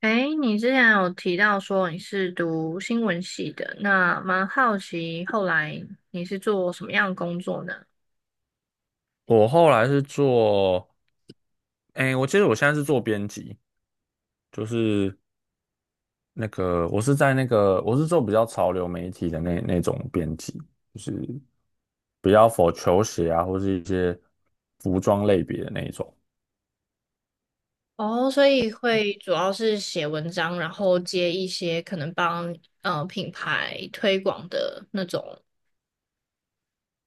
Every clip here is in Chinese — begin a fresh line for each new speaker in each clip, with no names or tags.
哎，你之前有提到说你是读新闻系的，那蛮好奇后来你是做什么样的工作呢？
我后来是做，我记得我现在是做编辑，就是那个我是在那个我是做比较潮流媒体的那种编辑，就是比较 for 球鞋啊，或是一些服装类别的那一种。
哦，所以会主要是写文章，然后接一些可能帮品牌推广的那种。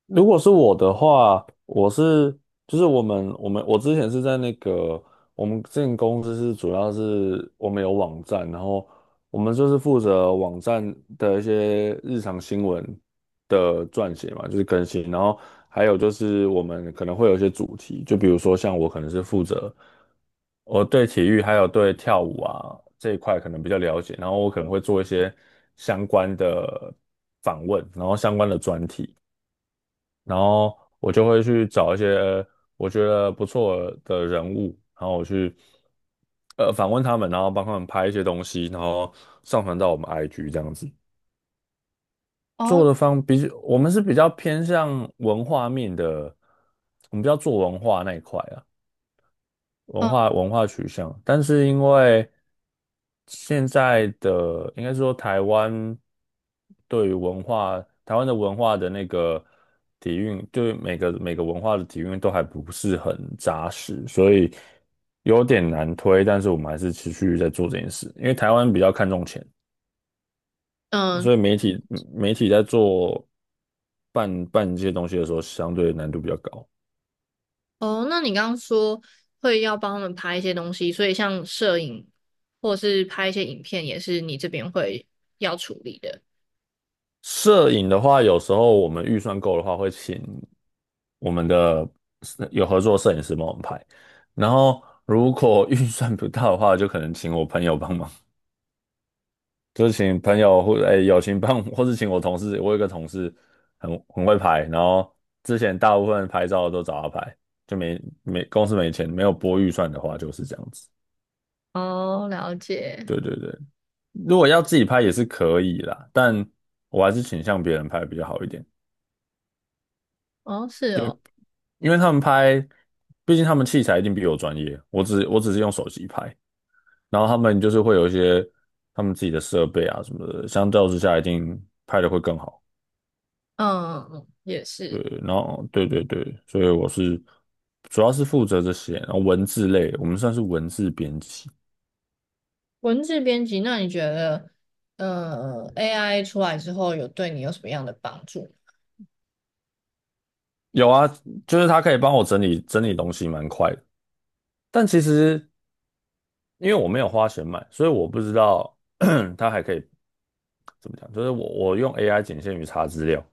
如果是我的话，我是就是我之前是在那个我们之前公司是主要是我们有网站，然后我们就是负责网站的一些日常新闻的撰写嘛，就是更新，然后还有就是我们可能会有一些主题，就比如说像我可能是负责，我对体育还有对跳舞啊这一块可能比较了解，然后我可能会做一些相关的访问，然后相关的专题。然后我就会去找一些我觉得不错的人物，然后我去访问他们，然后帮他们拍一些东西，然后上传到我们 IG 这样子。
哦，
做的方比我们是比较偏向文化面的，我们比较做文化那一块啊。文
嗯
化文化取向，但是因为现在的应该说台湾对于文化，台湾的文化的那个底蕴，对每个文化的底蕴都还不是很扎实，所以有点难推。但是我们还是持续在做这件事，因为台湾比较看重钱，
嗯，
所以媒体在做办这些东西的时候，相对难度比较高。
哦，那你刚刚说会要帮他们拍一些东西，所以像摄影或是拍一些影片，也是你这边会要处理的。
摄影的话，有时候我们预算够的话，会请我们的有合作摄影师帮我们拍。然后如果预算不到的话，就可能请我朋友帮忙，就是请朋友或友情帮我或是请我同事。我有一个同事很会拍，然后之前大部分拍照都找他拍，就没没公司没钱，没有拨预算的话就是这样子。
哦，了解。
对对对，如果要自己拍也是可以啦，但我还是倾向别人拍比较好一点，
哦，是
因为
哦。
他们拍，毕竟他们器材一定比我专业，我只是用手机拍。然后他们就是会有一些他们自己的设备啊什么的，相较之下一定拍的会更好。
嗯，也
对，
是
然后对对对，所以我是主要是负责这些，然后文字类，我们算是文字编辑。
文字编辑。那你觉得，AI 出来之后有对你有什么样的帮助？
有啊，就是他可以帮我整理东西，蛮快的。但其实因为我没有花钱买，所以我不知道 他还可以怎么讲，就是我用 AI 仅限于查资料，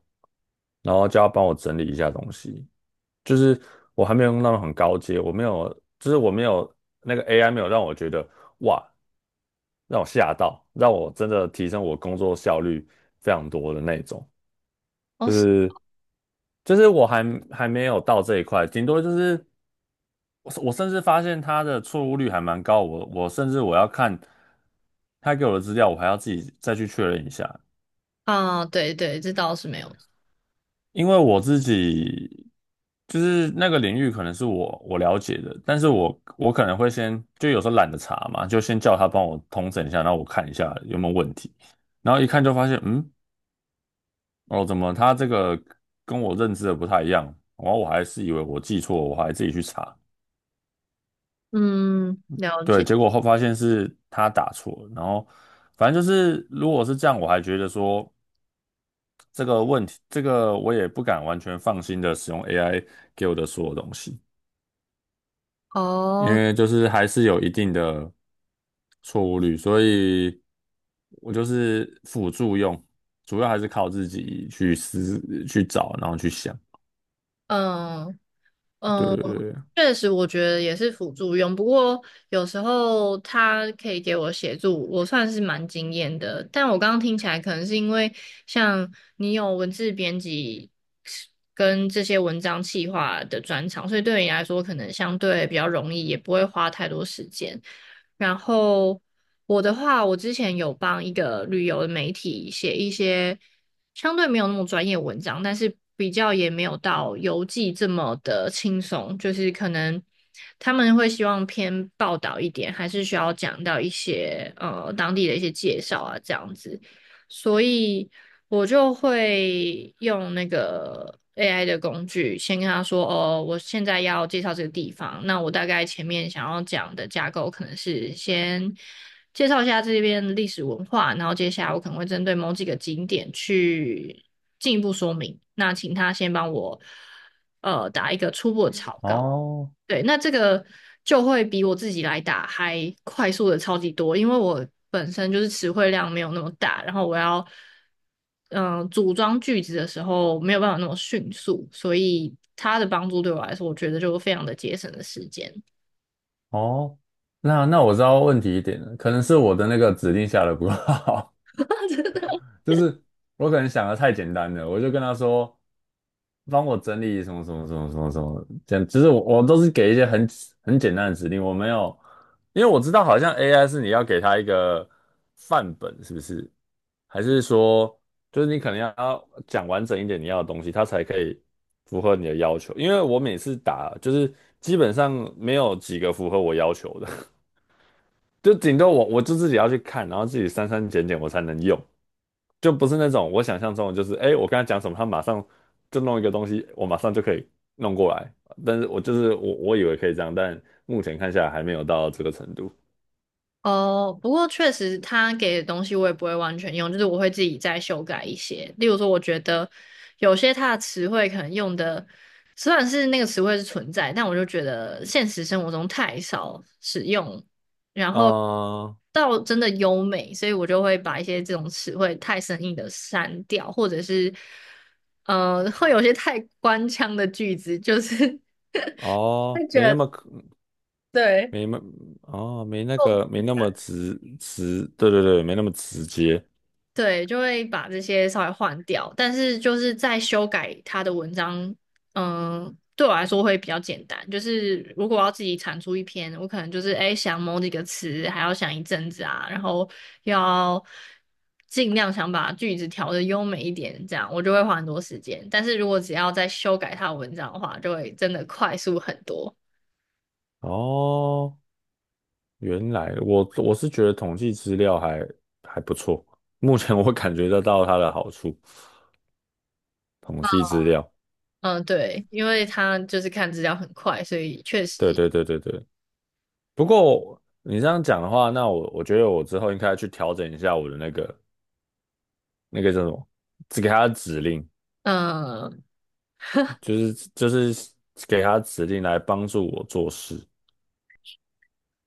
然后叫他帮我整理一下东西。就是我还没有用到很高阶，我没有，就是我没有那个 AI 没有让我觉得哇，让我吓到，让我真的提升我工作效率非常多的那种，
哦，
就
是
是就是我没有到这一块，顶多就是我甚至发现它的错误率还蛮高，我甚至我要看他给我的资料，我还要自己再去确认一下，
啊，对对，这倒是没有。
因为我自己就是那个领域可能是我了解的，但是我可能会先就有时候懒得查嘛，就先叫他帮我通整一下，然后我看一下有没有问题，然后一看就发现，嗯，哦，怎么他这个跟我认知的不太一样，然后我还是以为我记错，我还自己去查，
嗯，了
对，
解。
结果后发现是他打错了，然后反正就是如果是这样，我还觉得说这个问题，这个我也不敢完全放心的使用 AI 给我的所有东西。因
哦，
为就是还是有一定的错误率，所以我就是辅助用，主要还是靠自己去去找，然后去想。
嗯
对
嗯，
对对，对
确实，我觉得也是辅助用。不过有时候它可以给我协助，我算是蛮惊艳的。但我刚刚听起来，可能是因为像你有文字编辑跟这些文章企划的专长，所以对你来说可能相对比较容易，也不会花太多时间。然后我的话，我之前有帮一个旅游的媒体写一些相对没有那么专业的文章，但是比较也没有到游记这么的轻松，就是可能他们会希望偏报道一点，还是需要讲到一些当地的一些介绍啊这样子。所以我就会用那个 AI 的工具，先跟他说，哦，我现在要介绍这个地方，那我大概前面想要讲的架构可能是先介绍一下这边的历史文化，然后接下来我可能会针对某几个景点去进一步说明。那请他先帮我打一个初步的草稿。
哦
对，那这个就会比我自己来打还快速的超级多，因为我本身就是词汇量没有那么大，然后我要组装句子的时候没有办法那么迅速，所以它的帮助对我来说，我觉得就非常的节省了时间。
哦，那那我知道问题一点了，可能是我的那个指令下的不够好。就是我可能想的太简单了，我就跟他说，帮我整理什么什么什么什么什么，这样，其实我都是给一些很简单的指令，我没有，因为我知道好像 AI 是你要给他一个范本，是不是？还是说，就是你可能要讲完整一点你要的东西，它才可以符合你的要求。因为我每次打，就是基本上没有几个符合我要求的，就顶多我就自己要去看，然后自己删删减减我才能用。就不是那种我想象中的，就是我跟他讲什么，他马上就弄一个东西，我马上就可以弄过来。但是我就是我，我以为可以这样，但目前看下来还没有到这个程度。
哦，不过确实他给的东西我也不会完全用，就是我会自己再修改一些。例如说，我觉得有些他的词汇可能用的，虽然是那个词汇是存在，但我就觉得现实生活中太少使用，然后
啊。
到真的优美，所以我就会把一些这种词汇太生硬的删掉，或者是会有些太官腔的句子，就是 会
哦，
觉
没那
得
么可
对。
没那哦，
够
没
自
那
然
么直直，对对对，没那么直接。
对，就会把这些稍微换掉，但是就是在修改他的文章，嗯，对我来说会比较简单。就是如果我要自己产出一篇，我可能就是哎想某几个词，还要想一阵子啊，然后要尽量想把句子调的优美一点，这样我就会花很多时间。但是如果只要再修改他的文章的话，就会真的快速很多。
哦，原来我是觉得统计资料还不错，目前我感觉得到它的好处，统计资料。
嗯，对，因为他就是看资料很快，所以确
对
实，
对对对对，不过你这样讲的话，那我觉得我之后应该去调整一下我的那个那个叫什么，只给他指令，
嗯，
就是给他指令来帮助我做事。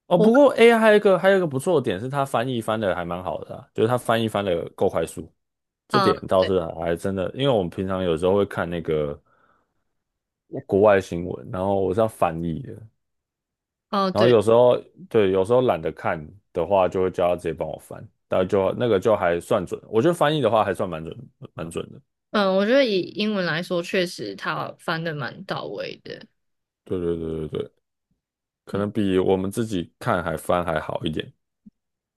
哦，
我，
不过 AI 还有一个不错的点是，它翻译翻的还蛮好的啊就是它翻译翻的够快速，这
嗯，
点倒
对。
是还真的，因为我们平常有时候会看那个国外新闻，然后我是要翻译的，
哦，
然后
对。
有时候对，有时候懒得看的话，就会叫他直接帮我翻，但就那个就还算准，我觉得翻译的话还算蛮准的。
嗯，我觉得以英文来说，确实他翻的蛮到位的。
对对对对对，可
嗯，
能比我们自己看还翻还好一点。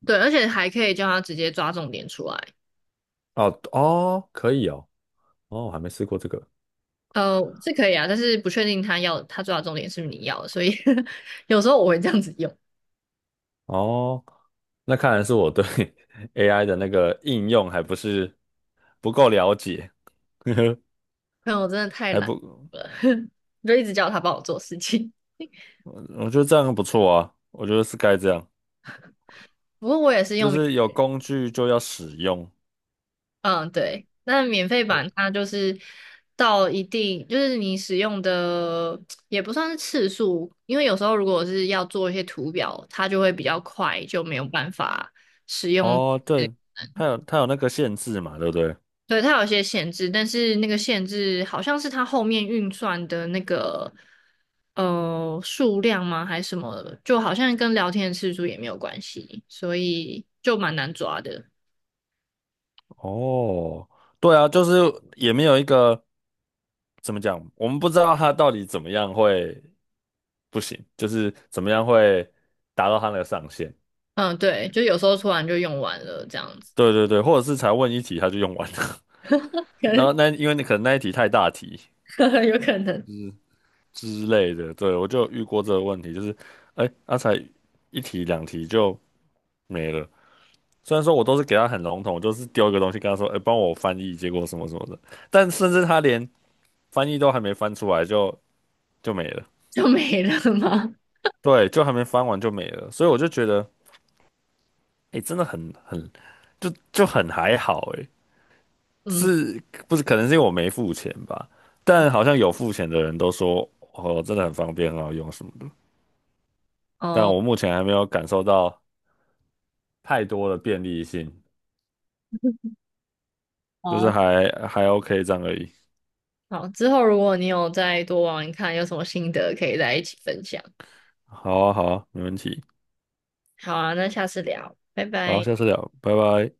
对，而且还可以叫他直接抓重点出来。
哦哦，可以哦，哦，我还没试过这个
是可以啊，但是不确定他要他抓的重点是不是你要的，所以 有时候我会这样子用。
哦，那看来是我对 AI 的那个应用还不够了解，
但我真的太
还
懒
不，
了，就一直叫他帮我做事情。
我觉得这样不错啊，我觉得是该这样，
不过我也是
就
用。
是有工具就要使用。
嗯，对，那免费版它就是到一定，就是你使用的也不算是次数，因为有时候如果是要做一些图表，它就会比较快，就没有办法使用。
哦，
对，
对，它有那个限制嘛，对不对？
对它有一些限制，但是那个限制好像是它后面运算的那个数量吗，还是什么的，就好像跟聊天的次数也没有关系，所以就蛮难抓的。
哦，对啊，就是也没有一个怎么讲，我们不知道它到底怎么样会不行，就是怎么样会达到它个上限。
嗯，对，就有时候突然就用完了这样子。
对对对，或者是才问一题他就用完了，然后 那因为你可能那一题太大题
呵呵有可能
之类的，对，我就有遇过这个问题，就是才一题两题就没了。虽然说我都是给他很笼统，我就是丢一个东西跟他说，哎、帮我翻译，结果什么什么的，但甚至他连翻译都还没翻出来就没了，
就没了吗？
对，就还没翻完就没了，所以我就觉得，哎、真的很很就就很还好、哎，
嗯，
是不是可能是因为我没付钱吧？但好像有付钱的人都说，哦，真的很方便，很好用什么的，但
哦，
我目前还没有感受到太多的便利性，
好
就是
啊
还 OK 这样而已。
好，之后如果你有再多玩玩看，有什么心得可以在一起分享。
好啊，好啊，没问题，
好啊，那下次聊，拜
好，
拜。
下次聊，拜拜。